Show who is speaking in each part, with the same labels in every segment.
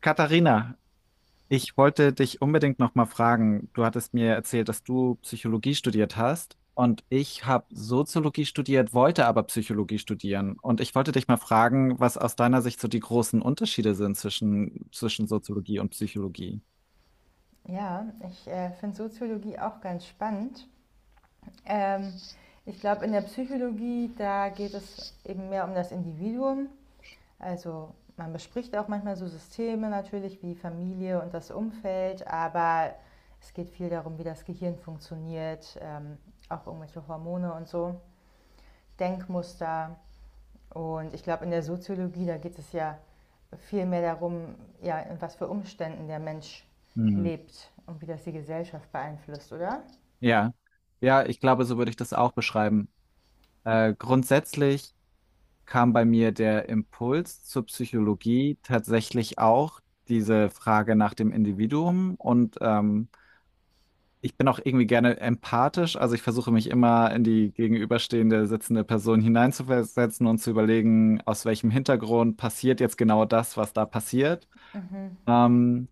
Speaker 1: Katharina, ich wollte dich unbedingt noch mal fragen. Du hattest mir erzählt, dass du Psychologie studiert hast und ich habe Soziologie studiert, wollte aber Psychologie studieren. Und ich wollte dich mal fragen, was aus deiner Sicht so die großen Unterschiede sind zwischen Soziologie und Psychologie.
Speaker 2: Ja, ich finde Soziologie auch ganz spannend. Ähm, Ich glaube, in der Psychologie, da geht es eben mehr um das Individuum. Also man bespricht auch manchmal so Systeme natürlich wie Familie und das Umfeld, aber es geht viel darum, wie das Gehirn funktioniert, auch irgendwelche Hormone und so, Denkmuster. Und ich glaube, in der Soziologie, da geht es ja viel mehr darum, ja, in was für Umständen der Mensch
Speaker 1: Hm.
Speaker 2: lebt und wie das die Gesellschaft beeinflusst, oder?
Speaker 1: Ja, ja, ich glaube, so würde ich das auch beschreiben. Grundsätzlich kam bei mir der Impuls zur Psychologie tatsächlich auch diese Frage nach dem Individuum, und ich bin auch irgendwie gerne empathisch. Also ich versuche mich immer in die gegenüberstehende sitzende Person hineinzuversetzen und zu überlegen, aus welchem Hintergrund passiert jetzt genau das, was da passiert.
Speaker 2: Mhm.
Speaker 1: Ähm,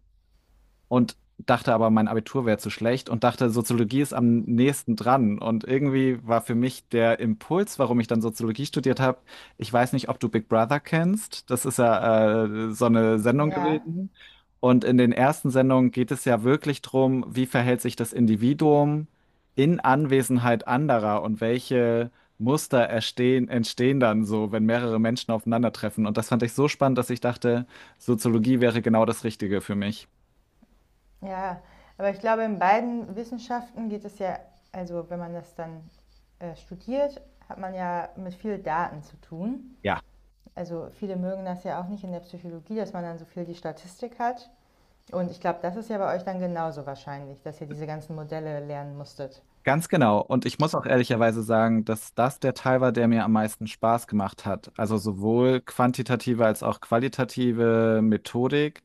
Speaker 1: und dachte aber, mein Abitur wäre zu schlecht, und dachte, Soziologie ist am nächsten dran. Und irgendwie war für mich der Impuls, warum ich dann Soziologie studiert habe, ich weiß nicht, ob du Big Brother kennst. Das ist ja so eine Sendung
Speaker 2: Ja,
Speaker 1: gewesen. Und in den ersten Sendungen geht es ja wirklich drum, wie verhält sich das Individuum in Anwesenheit anderer und welche Muster entstehen dann so, wenn mehrere Menschen aufeinandertreffen. Und das fand ich so spannend, dass ich dachte, Soziologie wäre genau das Richtige für mich.
Speaker 2: ja. Aber ich glaube, in beiden Wissenschaften geht es ja, also wenn man das dann studiert, hat man ja mit viel Daten zu tun.
Speaker 1: Ja.
Speaker 2: Also viele mögen das ja auch nicht in der Psychologie, dass man dann so viel die Statistik hat. Und ich glaube, das ist ja bei euch dann genauso wahrscheinlich, dass ihr diese ganzen Modelle lernen musstet.
Speaker 1: Ganz genau. Und ich muss auch ehrlicherweise sagen, dass das der Teil war, der mir am meisten Spaß gemacht hat. Also sowohl quantitative als auch qualitative Methodik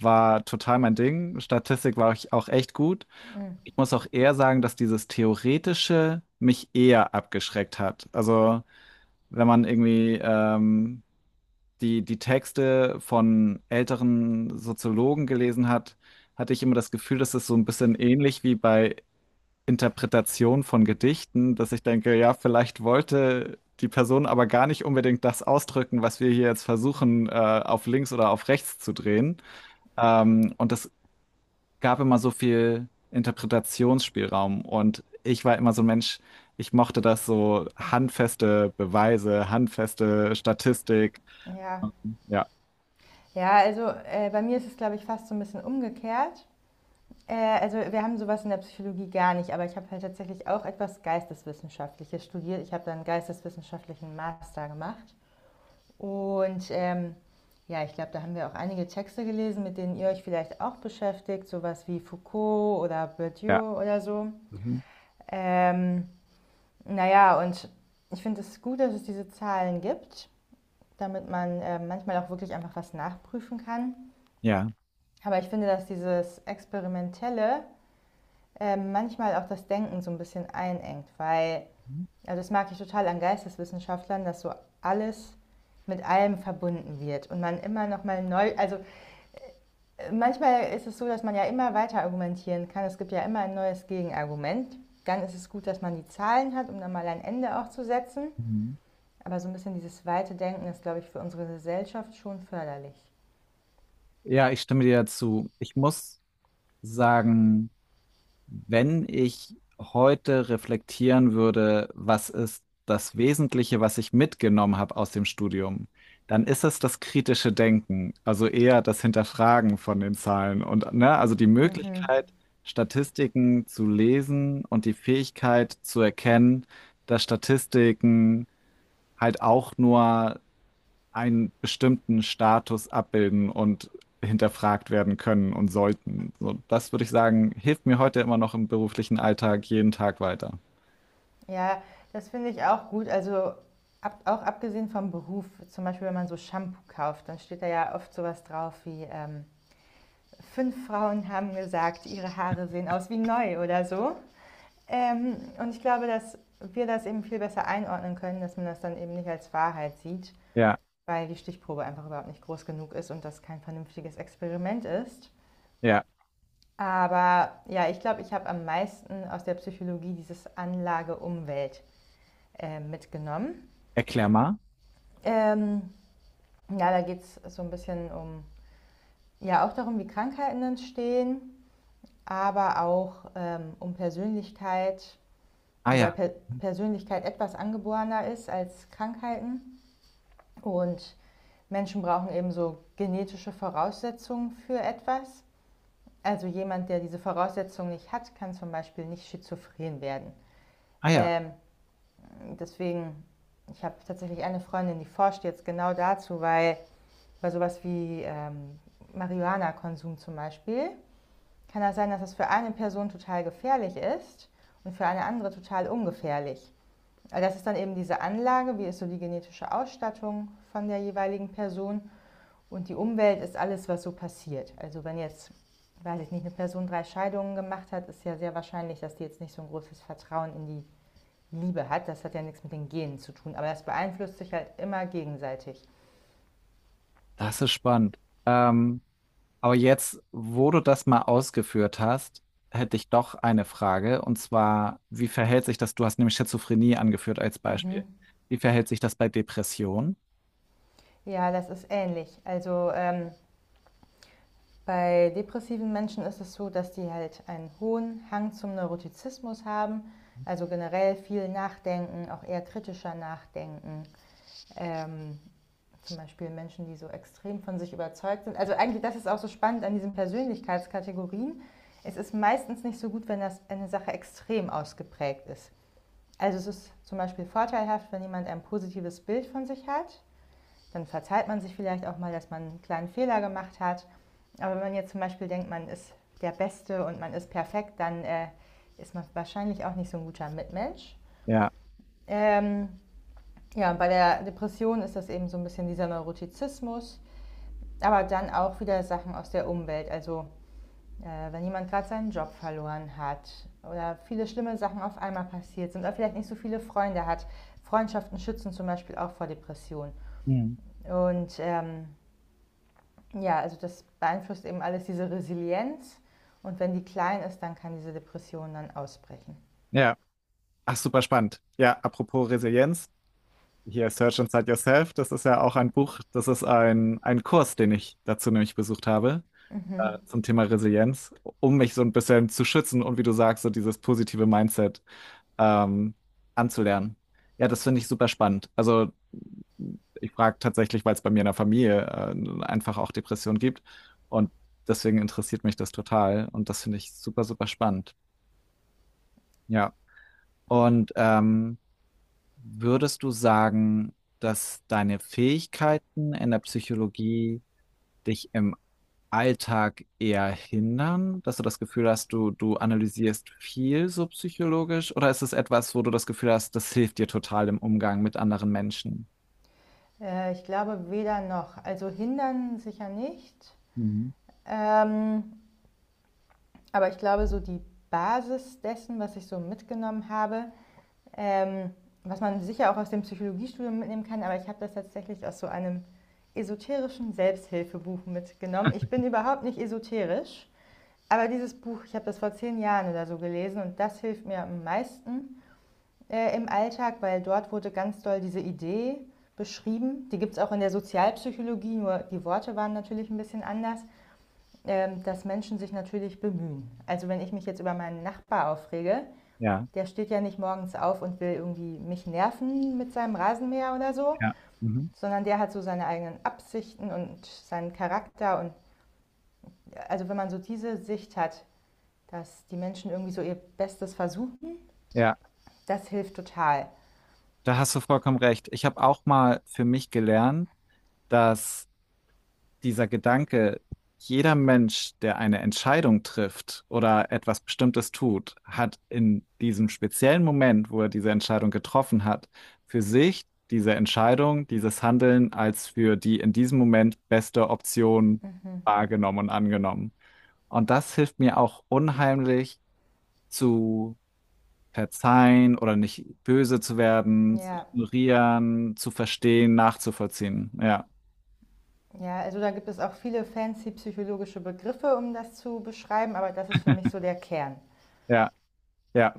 Speaker 1: war total mein Ding. Statistik war ich auch echt gut.
Speaker 2: Mhm.
Speaker 1: Ich muss auch eher sagen, dass dieses Theoretische mich eher abgeschreckt hat. Also wenn man irgendwie die Texte von älteren Soziologen gelesen hat, hatte ich immer das Gefühl, dass es so ein bisschen ähnlich wie bei Interpretation von Gedichten, dass ich denke, ja, vielleicht wollte die Person aber gar nicht unbedingt das ausdrücken, was wir hier jetzt versuchen, auf links oder auf rechts zu drehen. Und es gab immer so viel Interpretationsspielraum. Und ich war immer so ein Mensch, ich mochte das so handfeste Beweise, handfeste Statistik.
Speaker 2: Ja,
Speaker 1: Ja,
Speaker 2: ja, also bei mir ist es, glaube ich, fast so ein bisschen umgekehrt. Äh, also wir haben sowas in der Psychologie gar nicht, aber ich habe halt tatsächlich auch etwas Geisteswissenschaftliches studiert. Ich habe dann einen geisteswissenschaftlichen Master gemacht. Und ja, ich glaube, da haben wir auch einige Texte gelesen, mit denen ihr euch vielleicht auch beschäftigt, sowas wie Foucault oder
Speaker 1: ja.
Speaker 2: Bourdieu oder so.
Speaker 1: Mhm.
Speaker 2: Ähm, naja, und ich finde es gut, dass es diese Zahlen gibt, damit man manchmal auch wirklich einfach was nachprüfen kann.
Speaker 1: Ja.
Speaker 2: Aber ich finde, dass dieses Experimentelle manchmal auch das Denken so ein bisschen einengt, weil, also das mag ich total an Geisteswissenschaftlern, dass so alles mit allem verbunden wird und man immer noch mal neu, also manchmal ist es so, dass man ja immer weiter argumentieren kann. Es gibt ja immer ein neues Gegenargument. Dann ist es gut, dass man die Zahlen hat, um dann mal ein Ende auch zu setzen.
Speaker 1: Mhm.
Speaker 2: Aber so ein bisschen dieses weite Denken ist, glaube ich, für unsere Gesellschaft schon förderlich.
Speaker 1: Ja, ich stimme dir zu. Ich muss sagen, wenn ich heute reflektieren würde, was ist das Wesentliche, was ich mitgenommen habe aus dem Studium, dann ist es das kritische Denken, also eher das Hinterfragen von den Zahlen und ne, also die
Speaker 2: Mhm.
Speaker 1: Möglichkeit, Statistiken zu lesen und die Fähigkeit zu erkennen, dass Statistiken halt auch nur einen bestimmten Status abbilden und hinterfragt werden können und sollten. So, das würde ich sagen, hilft mir heute immer noch im beruflichen Alltag jeden Tag weiter.
Speaker 2: Ja, das finde ich auch gut. Also ab, auch abgesehen vom Beruf, zum Beispiel wenn man so Shampoo kauft, dann steht da ja oft sowas drauf wie, fünf Frauen haben gesagt, ihre Haare sehen aus wie neu oder so. Und ich glaube, dass wir das eben viel besser einordnen können, dass man das dann eben nicht als Wahrheit sieht,
Speaker 1: Ja,
Speaker 2: weil die Stichprobe einfach überhaupt nicht groß genug ist und das kein vernünftiges Experiment ist.
Speaker 1: ja.
Speaker 2: Aber ja, ich glaube, ich habe am meisten aus der Psychologie dieses Anlage-Umwelt mitgenommen.
Speaker 1: Erklär mal.
Speaker 2: Ähm, ja, da geht es so ein bisschen um, ja, auch darum, wie Krankheiten entstehen, aber auch um Persönlichkeit,
Speaker 1: Ah
Speaker 2: wobei
Speaker 1: ja,
Speaker 2: per Persönlichkeit etwas angeborener ist als Krankheiten. Und Menschen brauchen eben so genetische Voraussetzungen für etwas. Also jemand, der diese Voraussetzungen nicht hat, kann zum Beispiel nicht schizophren werden.
Speaker 1: ah ja,
Speaker 2: Ähm, Deswegen, ich habe tatsächlich eine Freundin, die forscht jetzt genau dazu, weil bei sowas wie Marihuana-Konsum zum Beispiel, kann das sein, dass das für eine Person total gefährlich ist und für eine andere total ungefährlich. Also das ist dann eben diese Anlage, wie ist so die genetische Ausstattung von der jeweiligen Person und die Umwelt ist alles, was so passiert. Also wenn jetzt, weiß ich nicht, eine Person drei Scheidungen gemacht hat, ist ja sehr wahrscheinlich, dass die jetzt nicht so ein großes Vertrauen in die Liebe hat. Das hat ja nichts mit den Genen zu tun, aber das beeinflusst sich halt immer gegenseitig.
Speaker 1: das ist spannend. Ähm, aber jetzt, wo du das mal ausgeführt hast, hätte ich doch eine Frage. Und zwar, wie verhält sich das? Du hast nämlich Schizophrenie angeführt als Beispiel.
Speaker 2: Mhm.
Speaker 1: Wie verhält sich das bei Depression?
Speaker 2: Ja, das ist ähnlich. Also bei depressiven Menschen ist es so, dass die halt einen hohen Hang zum Neurotizismus haben, also generell viel nachdenken, auch eher kritischer nachdenken. Ähm, Zum Beispiel Menschen, die so extrem von sich überzeugt sind. Also eigentlich, das ist auch so spannend an diesen Persönlichkeitskategorien. Es ist meistens nicht so gut, wenn das eine Sache extrem ausgeprägt ist. Also es ist zum Beispiel vorteilhaft, wenn jemand ein positives Bild von sich hat, dann verzeiht man sich vielleicht auch mal, dass man einen kleinen Fehler gemacht hat. Aber wenn man jetzt zum Beispiel denkt, man ist der Beste und man ist perfekt, dann ist man wahrscheinlich auch nicht so ein guter Mitmensch.
Speaker 1: Ja.
Speaker 2: Ähm, ja, bei der Depression ist das eben so ein bisschen dieser Neurotizismus, aber dann auch wieder Sachen aus der Umwelt. Also wenn jemand gerade seinen Job verloren hat oder viele schlimme Sachen auf einmal passiert sind oder vielleicht nicht so viele Freunde hat. Freundschaften schützen zum Beispiel auch vor Depressionen.
Speaker 1: Mhm.
Speaker 2: Und ja, also das beeinflusst eben alles diese Resilienz. Und wenn die klein ist, dann kann diese Depression dann ausbrechen.
Speaker 1: Ja. Ach, super spannend. Ja, apropos Resilienz. Hier Search Inside Yourself, das ist ja auch ein Buch, das ist ein Kurs, den ich dazu nämlich besucht habe,
Speaker 2: Mhm.
Speaker 1: zum Thema Resilienz, um mich so ein bisschen zu schützen und wie du sagst, so dieses positive Mindset ähm, anzulernen. Ja, das finde ich super spannend. Also ich frage tatsächlich, weil es bei mir in der Familie einfach auch Depressionen gibt und deswegen interessiert mich das total und das finde ich super, super spannend. Ja, und würdest du sagen, dass deine Fähigkeiten in der Psychologie dich im Alltag eher hindern, dass du das Gefühl hast, du analysierst viel so psychologisch, oder ist es etwas, wo du das Gefühl hast, das hilft dir total im Umgang mit anderen Menschen?
Speaker 2: Ich glaube weder noch. Also hindern sicher nicht.
Speaker 1: Mhm.
Speaker 2: Ähm, aber ich glaube, so die Basis dessen, was ich so mitgenommen habe, ähm, was man sicher auch aus dem Psychologiestudium mitnehmen kann, aber ich habe das tatsächlich aus so einem esoterischen Selbsthilfebuch mitgenommen. Ich bin überhaupt nicht esoterisch. Aber dieses Buch, ich habe das vor 10 Jahren oder so gelesen und das hilft mir am meisten im Alltag, weil dort wurde ganz doll diese Idee beschrieben. Die gibt es auch in der Sozialpsychologie, nur die Worte waren natürlich ein bisschen anders, dass Menschen sich natürlich bemühen. Also wenn ich mich jetzt über meinen Nachbar aufrege,
Speaker 1: Ja,
Speaker 2: der steht ja nicht morgens auf und will irgendwie mich nerven mit seinem Rasenmäher oder so,
Speaker 1: ja, mhm.
Speaker 2: sondern der hat so seine eigenen Absichten und seinen Charakter. Und also wenn man so diese Sicht hat, dass die Menschen irgendwie so ihr Bestes versuchen.
Speaker 1: Ja,
Speaker 2: Das hilft total.
Speaker 1: da hast du vollkommen recht. Ich habe auch mal für mich gelernt, dass dieser Gedanke, jeder Mensch, der eine Entscheidung trifft oder etwas Bestimmtes tut, hat in diesem speziellen Moment, wo er diese Entscheidung getroffen hat, für sich diese Entscheidung, dieses Handeln als für die in diesem Moment beste Option
Speaker 2: Mhm.
Speaker 1: wahrgenommen und angenommen. Und das hilft mir auch unheimlich zu verzeihen oder nicht böse zu werden, zu
Speaker 2: Ja.
Speaker 1: ignorieren, zu verstehen, nachzuvollziehen. Ja,
Speaker 2: Ja, also da gibt es auch viele fancy psychologische Begriffe, um das zu beschreiben, aber das ist für mich so der Kern.
Speaker 1: ja, ja.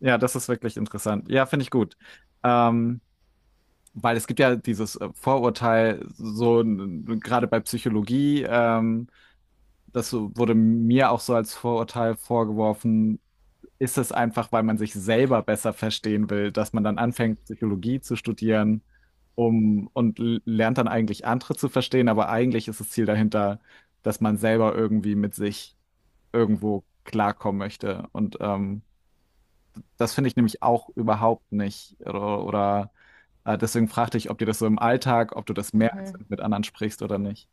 Speaker 1: Ja, das ist wirklich interessant. Ja, finde ich gut. Ähm, Weil es gibt ja dieses Vorurteil, so gerade bei Psychologie, das wurde mir auch so als Vorurteil vorgeworfen, ist es einfach, weil man sich selber besser verstehen will, dass man dann anfängt, Psychologie zu studieren, um und lernt dann eigentlich andere zu verstehen, aber eigentlich ist das Ziel dahinter, dass man selber irgendwie mit sich irgendwo klarkommen möchte. Und das finde ich nämlich auch überhaupt nicht. Oder deswegen fragte ich, ob dir das so im Alltag, ob du das merkst,
Speaker 2: Mhm.
Speaker 1: wenn du mit anderen sprichst oder nicht.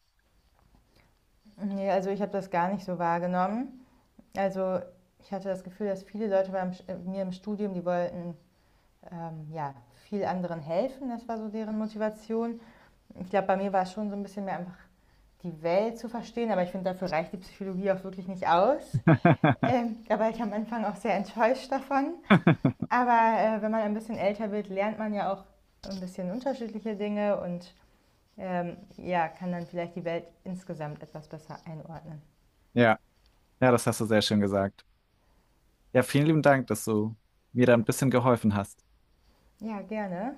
Speaker 2: Nee, also ich habe das gar nicht so wahrgenommen. Also ich hatte das Gefühl, dass viele Leute bei mir im Studium, die wollten ja, viel anderen helfen. Das war so deren Motivation. Ich glaube, bei mir war es schon so ein bisschen mehr einfach die Welt zu verstehen, aber ich finde, dafür reicht die Psychologie auch wirklich nicht aus. Da war ich am Anfang auch sehr enttäuscht davon. Aber wenn man ein bisschen älter wird, lernt man ja auch ein bisschen unterschiedliche Dinge und ja, kann dann vielleicht die Welt insgesamt etwas besser einordnen.
Speaker 1: Ja, ja, das hast du sehr schön gesagt. Ja, vielen lieben Dank, dass du mir da ein bisschen geholfen hast.
Speaker 2: Ja, gerne.